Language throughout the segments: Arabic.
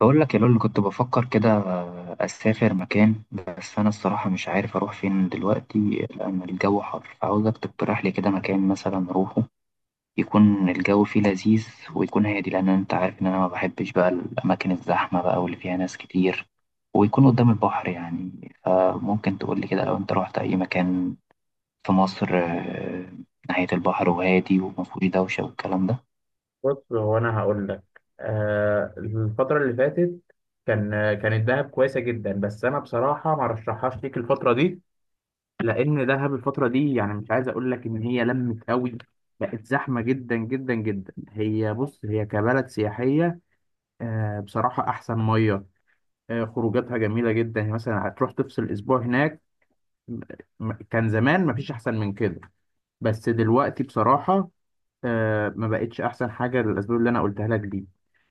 بقول لك يا لول، كنت بفكر كده أسافر مكان. بس أنا الصراحة مش عارف أروح فين دلوقتي لأن الجو حر. فعاوزك تقترح لي كده مكان مثلا أروحه، يكون الجو فيه لذيذ ويكون هادي، لأن أنت عارف إن أنا ما بحبش بقى الأماكن الزحمة بقى واللي فيها ناس كتير، ويكون قدام البحر يعني. فممكن تقول لي كده لو أنت رحت أي مكان في مصر ناحية البحر وهادي ومفهوش دوشة والكلام ده. بص، هو انا هقول لك الفتره اللي فاتت كان كانت دهب كويسه جدا. بس انا بصراحه ما رشحهاش ليك الفتره دي، لان دهب الفتره دي يعني مش عايز اقول لك ان هي لمت قوي، بقت زحمه جدا جدا جدا. هي بص، هي كبلد سياحيه بصراحه احسن ميه، خروجاتها جميله جدا، يعني مثلا هتروح تفصل اسبوع هناك. م- كان زمان ما فيش احسن من كده، بس دلوقتي بصراحه ما بقتش احسن حاجه للاسباب اللي انا قلتها لك دي.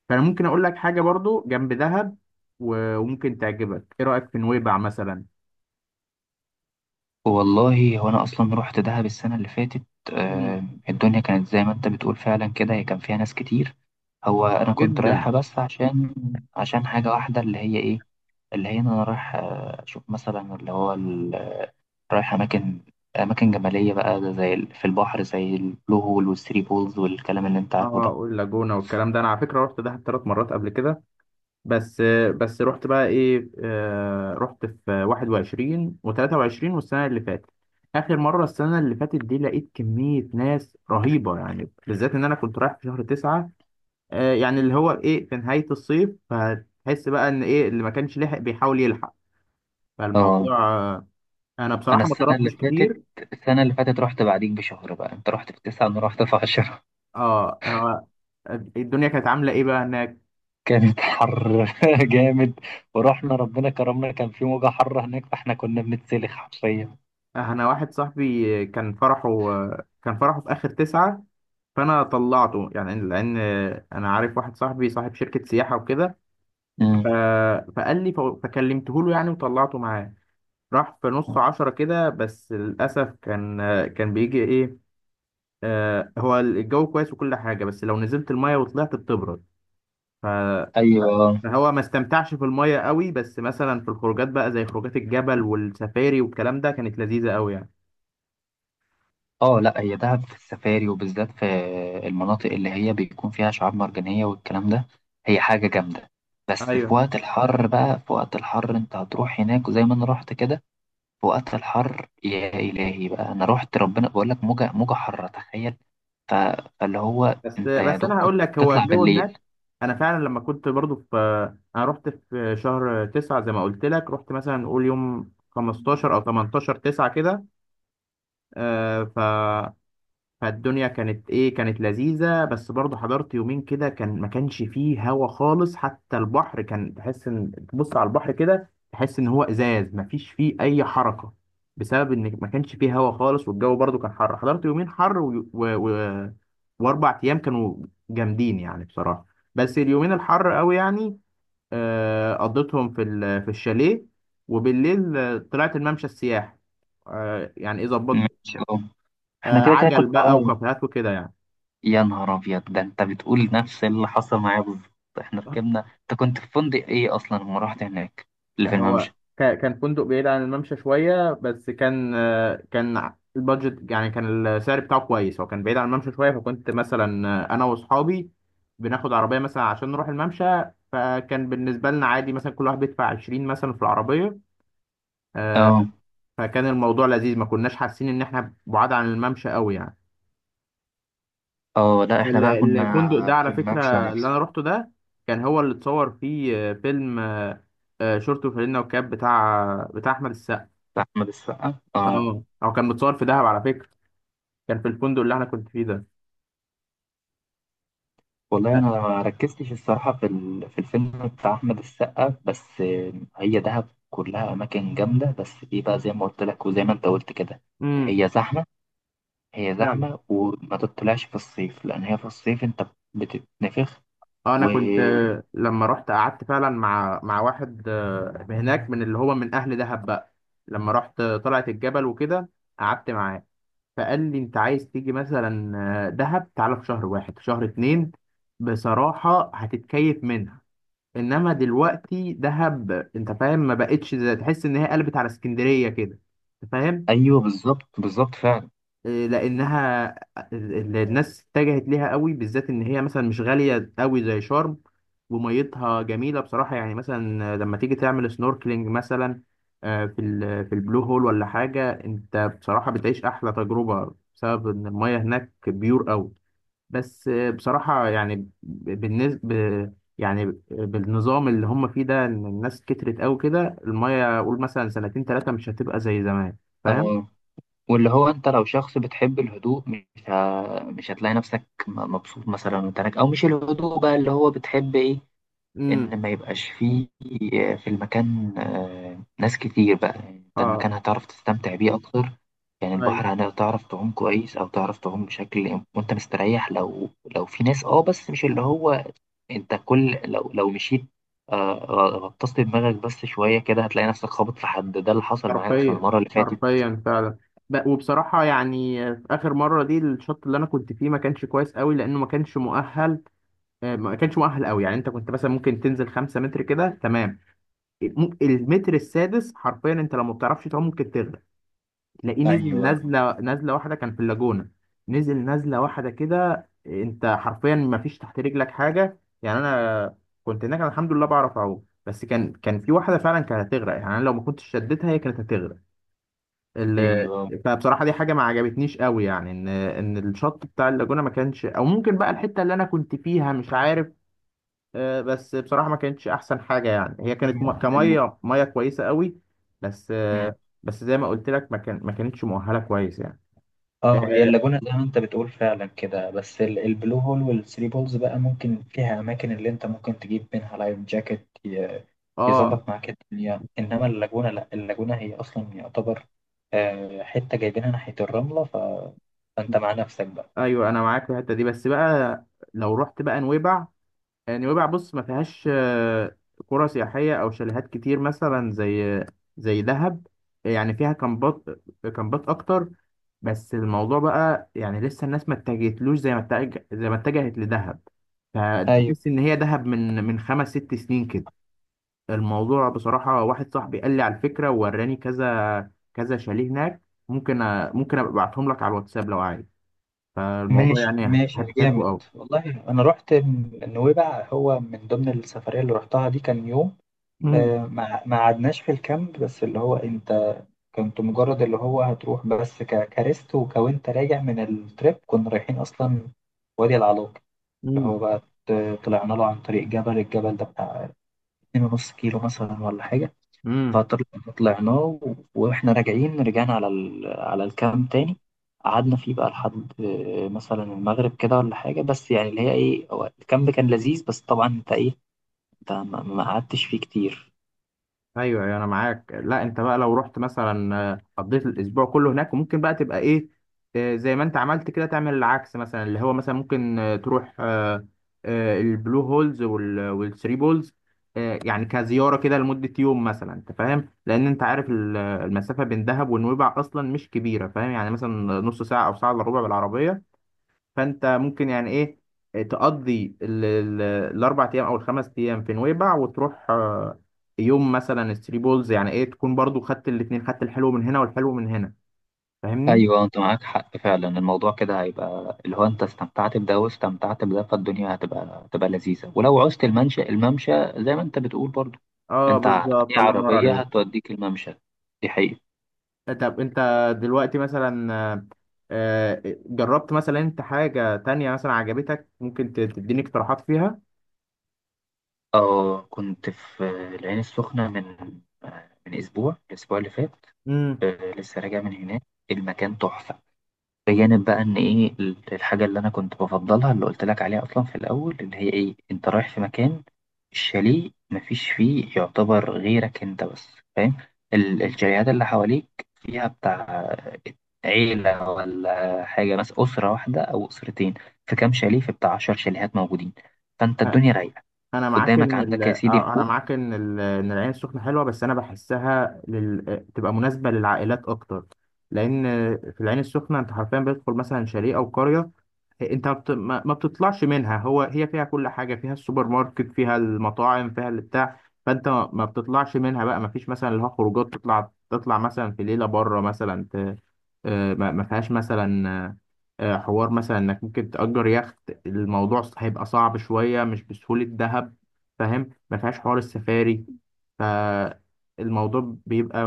فانا ممكن اقول لك حاجه برضو جنب دهب وممكن تعجبك. ايه رايك في نويبع مثلا؟ والله هو انا اصلا رحت دهب السنه اللي فاتت مم. آه، الدنيا كانت زي ما انت بتقول فعلا كده، هي كان فيها ناس كتير. هو انا كنت رايحها جدا. بس عشان حاجه واحده، اللي هي ايه، اللي هي إن انا رايح اشوف مثلا اللي هو رايح اماكن جبليه بقى، ده زي في البحر زي البلو هول والثري بولز والكلام اللي انت عارفه اه، ده. واللاجونه والكلام ده. انا على فكره رحت دهب ثلاث مرات قبل كده، بس بس رحت بقى ايه، رحت في 21 و23 والسنه اللي فاتت. اخر مره السنه اللي فاتت دي لقيت كميه ناس رهيبه، يعني بالذات ان انا كنت رايح في شهر 9، يعني اللي هو ايه، في نهاية الصيف، فهتحس بقى ان ايه اللي ما كانش لحق بيحاول يلحق. اه، فالموضوع انا انا بصراحة ما السنه اللي صرفتش فاتت، كتير. رحت بعديك بشهر. بقى انت رحت في 9، انا رحت في 10. اه، الدنيا كانت عاملة ايه بقى هناك؟ كانت حر جامد. ورحنا ربنا كرمنا، كان في موجة حر هناك، فاحنا كنا بنتسلخ حرفيا. انا واحد صاحبي كان فرحه، كان فرحه في اخر تسعة، فانا طلعته يعني، لان انا عارف واحد صاحبي صاحب شركة سياحة وكده. ف- امم، فقال لي، فكلمته له يعني وطلعته معاه. راح في نص عشرة كده، بس للأسف كان كان بيجي ايه، هو الجو كويس وكل حاجة، بس لو نزلت المية وطلعت بتبرد. ف- ايوه. فهو ما استمتعش في المية قوي، بس مثلا في الخروجات بقى، زي خروجات الجبل والسفاري والكلام ده، كانت لذيذة قوي يعني. اه، لا هي دهب في السفاري، وبالذات في المناطق اللي هي بيكون فيها شعاب مرجانية والكلام ده، هي حاجة جامدة. بس في ايوه. وقت الحر بقى، في وقت الحر انت هتروح هناك وزي ما انا رحت كده، في وقت الحر يا الهي بقى، انا رحت ربنا بقول لك موجة موجة حارة تخيل. ف- فاللي هو بس انت يا بس دوب انا هقول كنت لك، هو بتطلع الجو بالليل. هناك، انا فعلا لما كنت برضو في، انا رحت في شهر تسعة زي ما قلت لك، رحت مثلا نقول يوم 15 او 18 تسعة كده، آه، فالدنيا كانت ايه، كانت لذيذة، بس برضه حضرت يومين كده كان ما كانش فيه هوا خالص. حتى البحر كان تحس ان تبص على البحر كده، تحس ان هو ازاز، ما فيش فيه اي حركة، بسبب ان ما كانش فيه هوا خالص. والجو برضه كان حر. حضرت يومين حر واربع ايام كانوا جامدين يعني بصراحة، بس اليومين الحر قوي يعني. قضيتهم في في الشاليه، وبالليل طلعت الممشى السياحي، يعني ايه ظبطت، ماشي، اه. احنا كده كده عجل كنا بقى آه، وكافيهات وكده يعني. يا نهار ابيض، ده انت بتقول نفس اللي حصل معايا بالظبط. احنا ركبنا، انت كنت في فندق ايه اصلا لما رحت هناك؟ اللي في هو الممشى؟ كان فندق بعيد عن الممشى شوية، بس كان كان البادجت يعني، كان السعر بتاعه كويس. هو كان بعيد عن الممشى شوية، فكنت مثلا أنا وأصحابي بناخد عربية مثلا عشان نروح الممشى. فكان بالنسبة لنا عادي، مثلا كل واحد بيدفع 20 مثلا في العربية، آه، اه، فكان الموضوع لذيذ، ما كناش حاسين إن إحنا بعاد عن الممشى أوي يعني. اه، لا احنا ال- بقى كنا الفندق ده على في فكرة الممشى اللي نفسه، أنا روحته ده، كان هو اللي اتصور فيه فيلم شورت وفانلة وكاب، بتاع أحمد. بتاع احمد السقا، اه. اه، او كان متصور في دهب على فكرة. كان في الفندق اللي انا كنت فيه ده. والله انا ما ركزتش الصراحه في في الفيلم بتاع احمد السقا، بس هي دهب كلها اماكن جامده، بس دي بقى زي ما قلت لك وزي ما انت قلت كده. امم. هي زحمه، هي فعلا. زحمه وما تطلعش في الصيف، لان هي في الصيف انت بتتنفخ اه، انا و... كنت لما رحت قعدت فعلا مع واحد هناك، من اللي هو من اهل دهب بقى. لما رحت طلعت الجبل وكده، قعدت معاه. فقال لي، انت عايز تيجي مثلا دهب؟ تعالى في شهر واحد، في شهر اتنين، بصراحة هتتكيف منها. انما دلوقتي دهب انت فاهم، ما بقتش زي- تحس ان هي قلبت على اسكندرية كده، انت فاهم؟ ايوه، بالظبط بالظبط فعلا. إيه، لانها الناس اتجهت ليها قوي، بالذات ان هي مثلا مش غاليه قوي زي شرم، وميتها جميله بصراحه، يعني مثلا لما تيجي تعمل سنوركلينج مثلا في في البلو هول ولا حاجه، انت بصراحه بتعيش احلى تجربه بسبب ان الميه هناك بيور قوي. بس بصراحه يعني بالنسبه، يعني بالنظام اللي هم فيه ده، ان الناس كترت قوي كده، الميه قول مثلا سنتين ثلاثه مش هتبقى زي زمان، فاهم؟ آه واللي هو انت لو شخص بتحب الهدوء، مش هتلاقي نفسك مبسوط مثلا وانت هناك، او مش الهدوء بقى اللي هو بتحب، ايه امم. ان ما يبقاش فيه في المكان ناس كتير بقى. يعني انت اه. المكان هتعرف تستمتع بيه اكتر، يعني أيوة. البحر هتعرف تعوم كويس، او تعرف تعوم بشكل وانت مستريح، لو في ناس، بس مش اللي هو انت كل، لو مشيت آه، غطست دماغك بس شويه كده، هتلاقي نفسك خابط في حد، ده اللي حصل معايا اصلا حرفيا. المره اللي فاتت. حرفيا فعلا. وبصراحة يعني في آخر مرة دي، الشوط اللي أنا كنت فيه ما كانش كويس قوي لأنه ما كانش مؤهل، ما كانش مؤهل قوي. يعني أنت كنت مثلا ممكن تنزل خمسة متر كده تمام، المتر السادس حرفيا أنت لو ما بتعرفش تعوم ممكن تغرق. تلاقيه نزل ايوه، نزلة، نزلة واحدة كان في اللاجونة، نزل نزلة واحدة كده أنت حرفيا ما فيش تحت رجلك حاجة يعني. أنا كنت هناك، أنا الحمد لله بعرف أعوم، بس كان في واحدة فعلا كانت هتغرق، يعني أنا لو ما كنتش شدتها هي كانت هتغرق. ال- ايوه. فبصراحه دي حاجه ما عجبتنيش قوي، يعني ان الشط بتاع اللاجونه ما كانش، او ممكن بقى الحته اللي انا كنت فيها مش عارف، بس بصراحه ما كانتش احسن حاجه يعني. هي هي كانت ال- كميه ميه كويسه قوي، بس مم. بس زي ما قلت لك ما كان، ما كانتش مؤهله كويس يعني. اه، هي اه، اللاجونة زي ما انت بتقول فعلا كده. بس البلو هول والثري بولز بقى، ممكن فيها اماكن اللي انت ممكن تجيب منها لايف جاكيت، آه، يظبط معاك الدنيا. انما اللاجونة لا، اللاجونة هي اصلا يعتبر حتة جايبينها ناحية الرملة. فانت مع نفسك بقى. ايوه انا معاك في الحته دي. بس بقى لو رحت بقى نويبع، نويبع بص ما فيهاش قرى سياحية أو شاليهات كتير مثلا زي زي دهب، يعني فيها كامبات، أكتر. بس الموضوع بقى يعني لسه الناس ما اتجهتلوش زي ما اتجه، زي ما اتجهت لدهب. ايوه، فتحس إن هي دهب من خمس ست سنين كده. الموضوع بصراحة واحد صاحبي قال لي على الفكرة ووراني كذا كذا شاليه هناك. ممكن ممكن أبقى أبعتهم لك على الواتساب لو عايز. فالموضوع ماشي يعني ماشي هتحبه جامد. أوي. والله انا رحت نويبع، هو من ضمن السفريه اللي رحتها دي، كان يوم مم. آه، ما قعدناش في الكامب، بس اللي هو انت كنت مجرد اللي هو هتروح، بس كريست وكوانت راجع من التريب، كنا رايحين اصلا وادي العلاق، اللي هو بقى طلعنا له عن طريق الجبل ده بتاع 2.5 كيلو مثلا ولا حاجه. مم. فطلعنا واحنا راجعين، رجعنا على على الكامب تاني. قعدنا فيه بقى لحد مثلا المغرب كده ولا حاجة، بس يعني اللي هي ايه، هو الكامب كان لذيذ، بس طبعا انت ايه، انت ما قعدتش فيه كتير. ايوه ايوه انا معاك. لا انت بقى لو رحت مثلا قضيت الاسبوع كله هناك، وممكن بقى تبقى ايه، زي ما انت عملت كده تعمل العكس مثلا. اللي هو مثلا ممكن تروح البلو هولز والثري بولز، يعني كزياره كده لمده يوم مثلا، انت فاهم، لان انت عارف المسافه بين دهب ونويبع اصلا مش كبيره، فاهم يعني، مثلا نص ساعه او ساعه الا ربع بالعربيه. فانت ممكن يعني ايه، تقضي الاربع ايام او الخمس ايام في نويبع، وتروح يوم مثلا ثري بولز، يعني ايه تكون برضو خدت الاتنين، خدت الحلو من هنا والحلو من هنا، فاهمني؟ ايوه، انت معاك حق فعلا. الموضوع كده هيبقى اللي هو انت استمتعت بده واستمتعت بده، فالدنيا هتبقى لذيذه. ولو عوزت الممشى، زي ما انت بتقول برضو، اه، انت اي بالظبط، الله ينور عربيه عليك. هتوديك الممشى، دي حقيقة. طب انت دلوقتي مثلا جربت مثلا انت حاجة تانية مثلا عجبتك؟ ممكن تديني اقتراحات فيها؟ اه، كنت في العين السخنة من من أسبوع، الأسبوع اللي فات. امم. لسه راجع من هناك. المكان تحفة، بجانب بقى إن إيه الحاجة اللي أنا كنت بفضلها اللي قلت لك عليها أصلا في الأول، اللي هي إيه، أنت رايح في مكان، الشاليه مفيش فيه يعتبر غيرك أنت بس، فاهم؟ الشاليهات اللي حواليك فيها بتاع عيلة ولا حاجة، بس أسرة واحدة أو أسرتين، في كام شاليه، في بتاع 10 شاليهات موجودين، فأنت الدنيا رايقة، انا معاك قدامك ان عندك يا سيدي انا البول. معاك ان ان العين السخنه حلوه، بس انا بحسها تبقى مناسبه للعائلات اكتر. لان في العين السخنه انت حرفيا بتدخل مثلا شاليه او قريه، انت ما بت- ما- ما بتطلعش منها. هو هي فيها كل حاجه، فيها السوبر ماركت، فيها المطاعم، فيها البتاع. فانت ما بتطلعش منها بقى. ما فيش مثلا اللي هو خروجات، تطلع مثلا في ليله بره مثلا ما فيهاش مثلا حوار مثلا انك ممكن تأجر يخت. الموضوع هيبقى صعب شويه، مش بسهوله دهب، فاهم؟ ما فيهاش حوار السفاري. فالموضوع بيبقى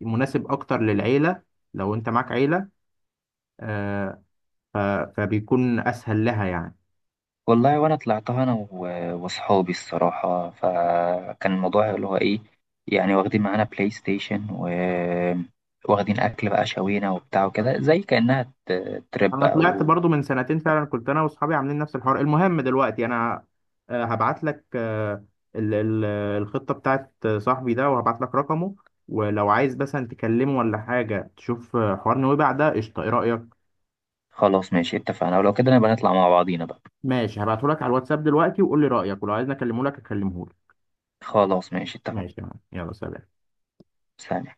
مناسب اكتر للعيله، لو انت معاك عيله، آه، فبيكون اسهل لها يعني. والله وانا طلعتها انا واصحابي الصراحه، فكان الموضوع اللي هو ايه، يعني واخدين معانا بلاي ستيشن واخدين اكل بقى شوينا وبتاع وكده، زي كانها ترip انا طلعت او. برضو من سنتين، فعلا كنت انا واصحابي عاملين نفس الحوار. المهم دلوقتي انا هبعت لك ال- ال- الخطة بتاعت صاحبي ده، وهبعت لك رقمه، ولو عايز مثلا تكلمه ولا حاجة تشوف حوار نويبع ده قشطة، ايه رأيك؟ خلاص، ماشي، اتفقنا، ولو كده نبقى نطلع مع بعضينا بقى. ماشي، هبعته لك على الواتساب دلوقتي، وقول لي رأيك، ولو عايز اكلمه لك اكلمه لك. خلاص، ماشي، اتفقنا. ماشي تمام، يلا سلام. سلام.